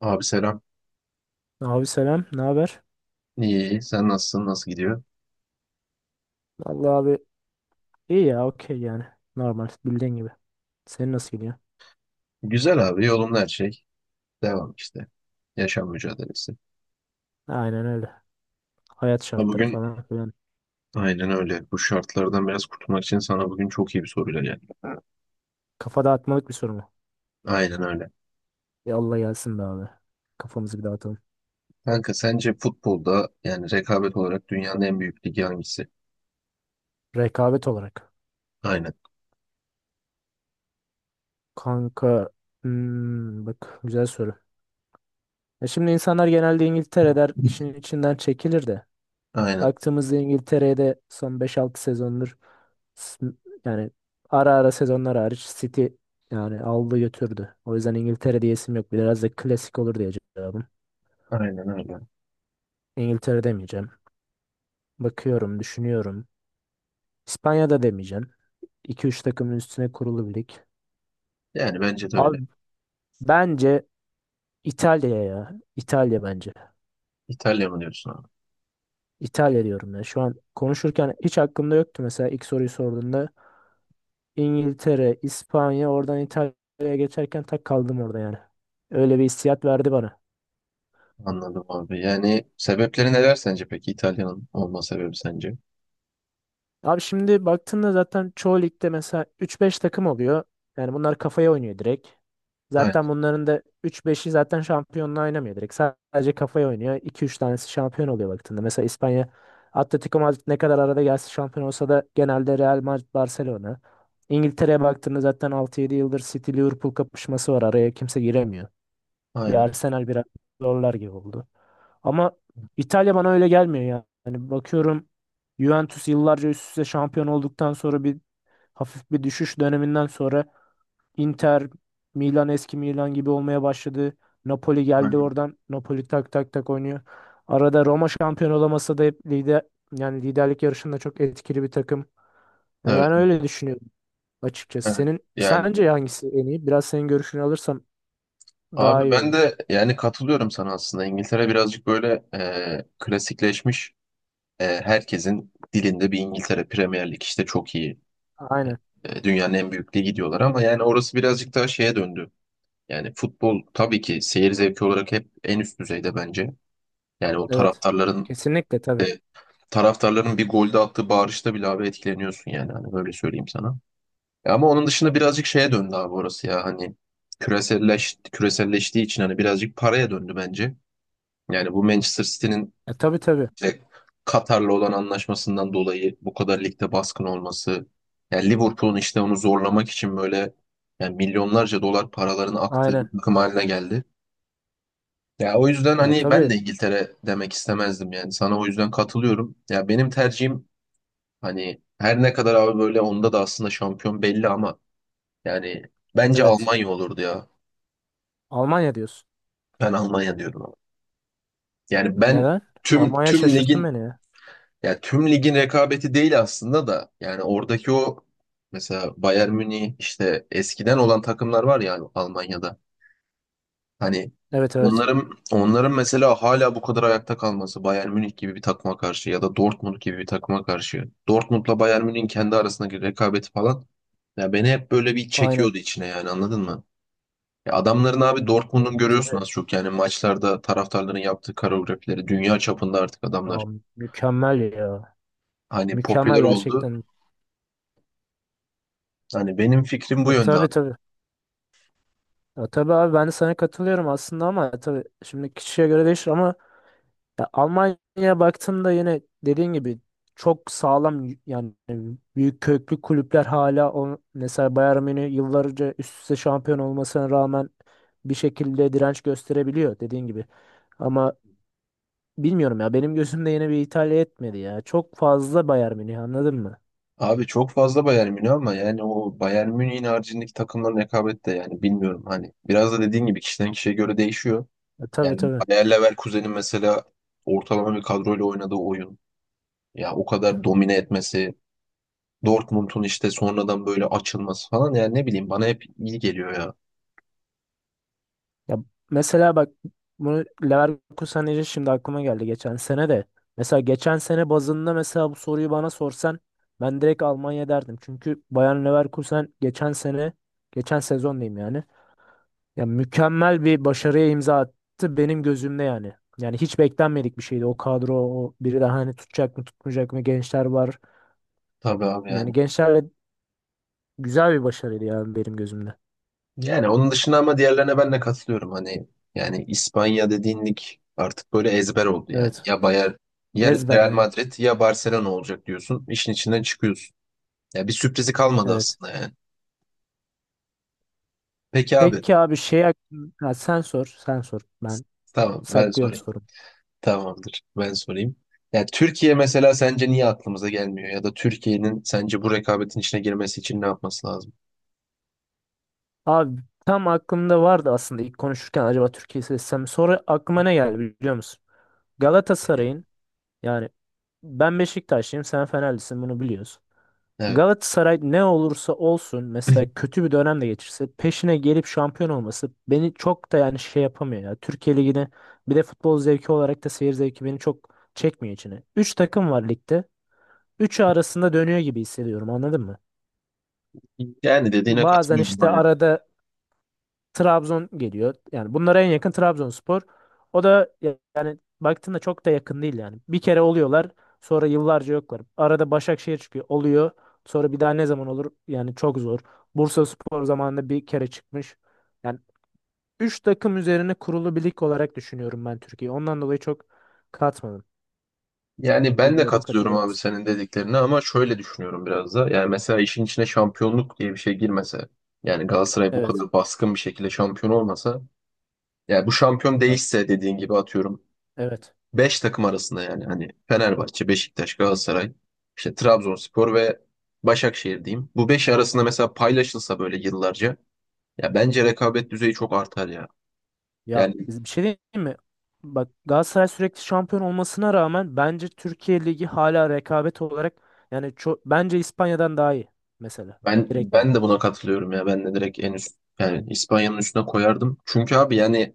Abi selam. Abi selam, ne haber? İyi, iyi. Sen nasılsın? Nasıl gidiyor? Vallahi abi iyi ya, okey yani. Normal, bildiğin gibi. Senin nasıl gidiyor? Güzel abi. Yolunda her şey. Devam işte. Yaşam mücadelesi. Aynen öyle. Hayat Ha şartları bugün falan filan. aynen öyle. Bu şartlardan biraz kurtulmak için sana bugün çok iyi bir soruyla geldim. Kafa dağıtmalık bir soru mu? Aynen öyle. Yallah gelsin be abi. Kafamızı bir dağıtalım. Kanka sence futbolda yani rekabet olarak dünyanın en büyük ligi hangisi? Rekabet olarak. Aynen. Kanka, bak güzel soru. Ya şimdi insanlar genelde İngiltere der, işin içinden çekilir de. Aynen. Baktığımızda İngiltere'de son beş altı sezondur S- yani ara ara sezonlar hariç City yani aldı götürdü. O yüzden İngiltere diyesim yok. Biraz da klasik olur diye cevabım. Aynen öyle. İngiltere demeyeceğim. Bakıyorum, düşünüyorum. İspanya'da demeyeceğim. 2 üç takımın üstüne kurulu bir lig. Yani bence de öyle. Abi bence İtalya ya. İtalya bence. İtalya mı diyorsun abi? İtalya diyorum ya. Şu an konuşurken hiç aklımda yoktu mesela ilk soruyu sorduğunda. İngiltere, İspanya, oradan İtalya'ya geçerken tak kaldım orada yani. Öyle bir hissiyat verdi bana. Anladım abi. Yani sebepleri neler sence peki İtalya'nın olma sebebi sence? Abi şimdi baktığında zaten çoğu ligde mesela 3-5 takım oluyor. Yani bunlar kafaya oynuyor direkt. Aynen. Zaten bunların da 3-5'i zaten şampiyonla oynamıyor direkt. Sadece kafaya oynuyor. 2-3 tanesi şampiyon oluyor baktığında. Mesela İspanya Atletico Madrid ne kadar arada gelse şampiyon olsa da genelde Real Madrid Barcelona. İngiltere'ye baktığında zaten 6-7 yıldır City Liverpool kapışması var. Araya kimse giremiyor. Bir Aynen. Arsenal biraz zorlar gibi oldu. Ama İtalya bana öyle gelmiyor ya. Yani bakıyorum Juventus yıllarca üst üste şampiyon olduktan sonra bir hafif bir düşüş döneminden sonra Inter, Milan eski Milan gibi olmaya başladı. Napoli geldi Aynen. oradan. Napoli tak tak tak oynuyor. Arada Roma şampiyon olamasa da hep lider yani liderlik yarışında çok etkili bir takım. Yani Evet. ben öyle düşünüyorum açıkçası. Evet. Senin Yani sence hangisi en iyi? Biraz senin görüşünü alırsam daha abi iyi ben olur. de yani katılıyorum sana aslında. İngiltere birazcık böyle klasikleşmiş. Herkesin dilinde bir İngiltere Premier Lig işte çok iyi. Aynen. Dünyanın en büyük ligi diyorlar ama yani orası birazcık daha şeye döndü. Yani futbol tabii ki seyir zevki olarak hep en üst düzeyde bence. Yani o Evet. Kesinlikle e, tabii. taraftarların bir golde attığı bağırışta bile abi etkileniyorsun yani hani böyle söyleyeyim sana. Ama onun dışında birazcık şeye döndü abi orası ya hani küreselleştiği için hani birazcık paraya döndü bence. Yani bu Manchester City'nin E, tabii tabii. işte Katar'la olan anlaşmasından dolayı bu kadar ligde baskın olması, yani Liverpool'un işte onu zorlamak için böyle yani milyonlarca dolar paralarını aktığı bir Aynen. takım haline geldi. Ya o yüzden Ya hani ben tabii. de İngiltere demek istemezdim yani sana o yüzden katılıyorum. Ya benim tercihim hani her ne kadar abi böyle onda da aslında şampiyon belli ama yani bence Evet. Almanya olurdu ya. Almanya diyorsun. Ben Almanya diyorum ama. Yani ben Neden? tüm Almanya tüm şaşırttı ligin. beni ya. Ya tüm ligin rekabeti değil aslında da yani oradaki o mesela Bayern Münih işte eskiden olan takımlar var ya Almanya'da. Hani Evet evet. onların mesela hala bu kadar ayakta kalması Bayern Münih gibi bir takıma karşı ya da Dortmund gibi bir takıma karşı. Dortmund'la Bayern Münih'in kendi arasındaki rekabeti falan, ya beni hep böyle bir Aynen. çekiyordu içine yani anladın mı? Ya adamların abi Ya, Dortmund'un görüyorsun az tabii. çok yani maçlarda taraftarların yaptığı koreografileri dünya çapında artık Ya, adamlar mükemmel ya. hani Mükemmel popüler oldu. gerçekten. Hani benim fikrim bu E, yönde tabii abi. tabii. Ya, tabii abi ben de sana katılıyorum aslında ama tabii şimdi kişiye göre değişir ama ya Almanya'ya baktığımda yine dediğin gibi çok sağlam yani büyük köklü kulüpler hala o mesela Bayern Münih yıllarca üst üste şampiyon olmasına rağmen bir şekilde direnç gösterebiliyor dediğin gibi. Ama bilmiyorum ya benim gözümde yine bir İtalya etmedi ya. Çok fazla Bayern Münih anladın mı? Abi çok fazla Bayern Münih ama yani o Bayern Münih'in haricindeki takımların rekabeti de yani bilmiyorum hani biraz da dediğin gibi kişiden kişiye göre değişiyor. Ya, tabii Yani tabii. Bayer Leverkusen'in mesela ortalama bir kadroyla oynadığı oyun, ya o kadar domine etmesi, Dortmund'un işte sonradan böyle açılması falan yani ne bileyim bana hep iyi geliyor ya. Ya mesela bak bunu Leverkusen deyince şimdi aklıma geldi geçen sene de. Mesela geçen sene bazında mesela bu soruyu bana sorsan ben direkt Almanya derdim. Çünkü Bayer Leverkusen geçen sene geçen sezon diyeyim yani. Ya mükemmel bir başarıya imza attı benim gözümde yani. Yani hiç beklenmedik bir şeydi o kadro o biri daha hani tutacak mı tutmayacak mı gençler var. Tabii abi Yani yani. gençlerle güzel bir başarıydı yani benim gözümde. Yani onun dışında ama diğerlerine ben de katılıyorum. Hani yani İspanya dediğin lig artık böyle ezber oldu yani. Evet. Ya Bayern, ya Ezber Real aynı. Madrid ya Barcelona olacak diyorsun. İşin içinden çıkıyorsun. Ya bir sürprizi kalmadı Evet. aslında yani. Peki abi, Peki abi şey ha, sen sor sen sor ben tamam ben saklıyorum sorayım. sorumu. Tamamdır ben sorayım. Ya Türkiye mesela sence niye aklımıza gelmiyor? Ya da Türkiye'nin sence bu rekabetin içine girmesi için ne yapması lazım? Abi tam aklımda vardı aslında ilk konuşurken acaba Türkiye'yi seçsem sonra aklıma ne geldi biliyor musun? Galatasaray'ın yani ben Beşiktaşlıyım sen Fenerlisin bunu biliyoruz. Evet. Galatasaray ne olursa olsun mesela kötü bir dönem de geçirse peşine gelip şampiyon olması beni çok da yani şey yapamıyor ya. Türkiye Ligi'ni bir de futbol zevki olarak da seyir zevki beni çok çekmiyor içine. Üç takım var ligde. Üçü arasında dönüyor gibi hissediyorum anladın mı? Yani dediğine Bazen katılıyorum. işte Aynen. arada Trabzon geliyor. Yani bunlara en yakın Trabzonspor. O da yani baktığında çok da yakın değil yani. Bir kere oluyorlar, sonra yıllarca yoklar. Arada Başakşehir çıkıyor, oluyor. Sonra bir daha ne zaman olur? Yani çok zor. Bursaspor zamanında bir kere çıkmış. Yani 3 takım üzerine kurulu bir lig olarak düşünüyorum ben Türkiye'yi. Ondan dolayı çok katmadım. Yani ben de Bilmiyorum katılıyorum katılır abi mısın? senin dediklerine ama şöyle düşünüyorum biraz da. Yani mesela işin içine şampiyonluk diye bir şey girmese, yani Galatasaray bu Evet. kadar baskın bir şekilde şampiyon olmasa, yani bu şampiyon Bak. değişse dediğin gibi atıyorum Evet. 5 takım arasında yani hani Fenerbahçe, Beşiktaş, Galatasaray, işte Trabzonspor ve Başakşehir diyeyim. Bu 5 arasında mesela paylaşılsa böyle yıllarca, ya bence rekabet düzeyi çok artar ya. Ya Yani bir şey diyeyim mi? Bak Galatasaray sürekli şampiyon olmasına rağmen bence Türkiye Ligi hala rekabet olarak yani çok bence İspanya'dan daha iyi mesela. ben Direkt yani. ben de buna katılıyorum ya. Ben de direkt en üst yani İspanya'nın üstüne koyardım. Çünkü abi yani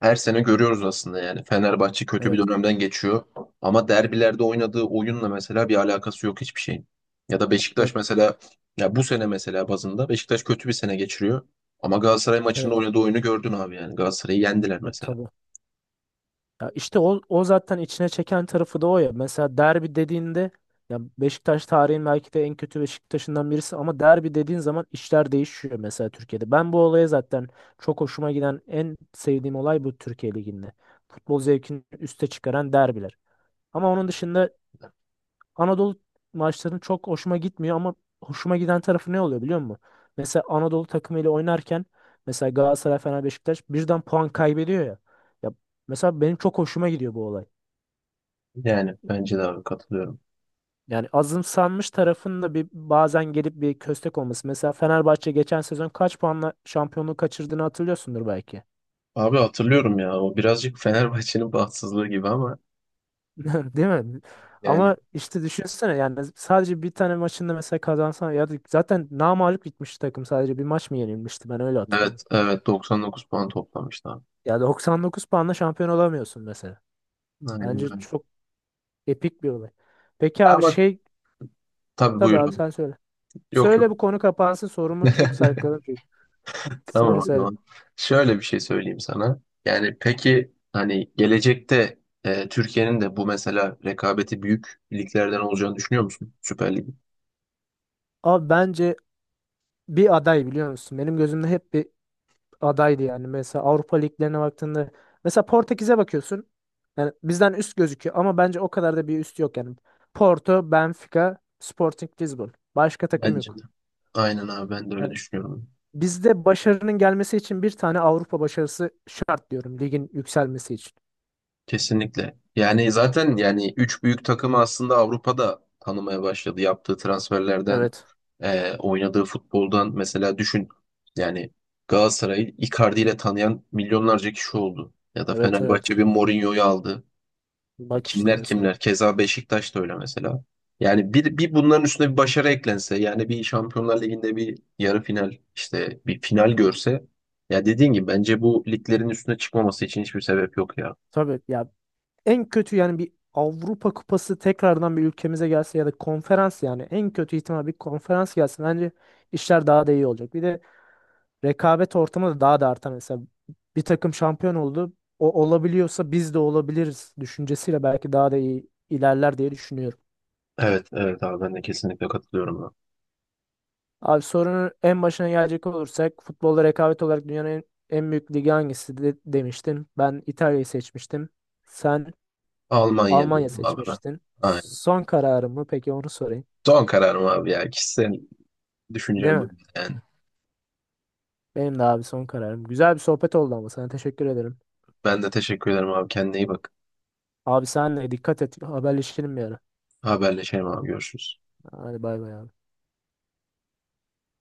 her sene görüyoruz aslında yani. Fenerbahçe kötü bir Evet. dönemden geçiyor. Ama derbilerde oynadığı oyunla mesela bir alakası yok hiçbir şeyin. Ya da Ya Beşiktaş mesela, ya bu sene mesela bazında Beşiktaş kötü bir sene geçiriyor. Ama Galatasaray maçında evet. oynadığı oyunu gördün abi yani. Galatasaray'ı yendiler Ya mesela. tabii. Ya işte o, o zaten içine çeken tarafı da o ya. Mesela derbi dediğinde ya Beşiktaş tarihin belki de en kötü Beşiktaş'ından birisi ama derbi dediğin zaman işler değişiyor mesela Türkiye'de. Ben bu olaya zaten çok hoşuma giden en sevdiğim olay bu Türkiye Ligi'nde. Futbol zevkini üste çıkaran derbiler. Ama onun dışında Anadolu maçlarının çok hoşuma gitmiyor ama hoşuma giden tarafı ne oluyor biliyor musun? Mesela Anadolu takımıyla oynarken mesela Galatasaray, Fener, Beşiktaş birden puan kaybediyor ya. Ya mesela benim çok hoşuma gidiyor bu olay. Yani bence de abi katılıyorum. Yani azımsanmış tarafın da bir bazen gelip bir köstek olması. Mesela Fenerbahçe geçen sezon kaç puanla şampiyonluğu kaçırdığını hatırlıyorsundur belki. Abi hatırlıyorum ya o birazcık Fenerbahçe'nin bahtsızlığı gibi ama Değil mi? yani Ama işte düşünsene yani sadece bir tane maçında mesela kazansan ya da zaten namağlup gitmiş takım sadece bir maç mı yenilmişti ben öyle hatırlıyorum. evet, evet 99 puan toplamıştı abi. Ya 99 puanla şampiyon olamıyorsun mesela. Aynen Bence öyle. çok epik bir olay. Peki abi Ama şey tabii tabii abi buyurun. sen söyle. Yok yok, Söyle bu konu kapansın sorumu çok sarkladım çünkü. tamam Söyle o söyle. zaman. Şöyle bir şey söyleyeyim sana. Yani peki hani gelecekte Türkiye'nin de bu mesela rekabeti büyük liglerden olacağını düşünüyor musun? Süper Lig. Abi bence bir aday biliyor musun? Benim gözümde hep bir adaydı yani. Mesela Avrupa liglerine baktığında mesela Portekiz'e bakıyorsun. Yani bizden üst gözüküyor ama bence o kadar da bir üst yok yani. Porto, Benfica, Sporting Lisbon. Başka takım Bence de. yok. Aynen abi ben de öyle Yani düşünüyorum. bizde başarının gelmesi için bir tane Avrupa başarısı şart diyorum ligin yükselmesi için. Kesinlikle. Yani zaten yani üç büyük takımı aslında Avrupa'da tanımaya başladı. Yaptığı transferlerden, Evet. Oynadığı futboldan mesela düşün. Yani Galatasaray'ı Icardi ile tanıyan milyonlarca kişi oldu. Ya da Evet evet. Fenerbahçe bir Mourinho'yu aldı. Bak işte Kimler mesela. kimler. Keza Beşiktaş da öyle mesela. Yani bir bunların üstüne bir başarı eklense, yani bir Şampiyonlar Ligi'nde bir yarı final, işte bir final görse, ya dediğin gibi bence bu liglerin üstüne çıkmaması için hiçbir sebep yok ya. Tabii ya en kötü yani bir Avrupa Kupası tekrardan bir ülkemize gelse ya da konferans yani en kötü ihtimal bir konferans gelsin. Bence işler daha da iyi olacak. Bir de rekabet ortamı da daha da artar mesela. Bir takım şampiyon oldu. O olabiliyorsa biz de olabiliriz düşüncesiyle belki daha da iyi ilerler diye düşünüyorum. Evet, evet abi ben de kesinlikle katılıyorum abi. Abi sorunun en başına gelecek olursak futbolda rekabet olarak dünyanın en, en büyük ligi hangisi de, demiştin. Ben İtalya'yı seçmiştim. Sen Almanya Almanya diyorum abi ben. seçmiştin. Aynen. Son kararım mı? Peki onu sorayım. Son kararım abi ya. Kişisel Değil düşüncem bu mi? yani. Benim de abi son kararım. Güzel bir sohbet oldu ama sana teşekkür ederim. Ben de teşekkür ederim abi. Kendine iyi bak. Abi senle dikkat et. Haberleşelim bir ara. Haberleşelim abi. Görüşürüz. Hadi bay bay abi.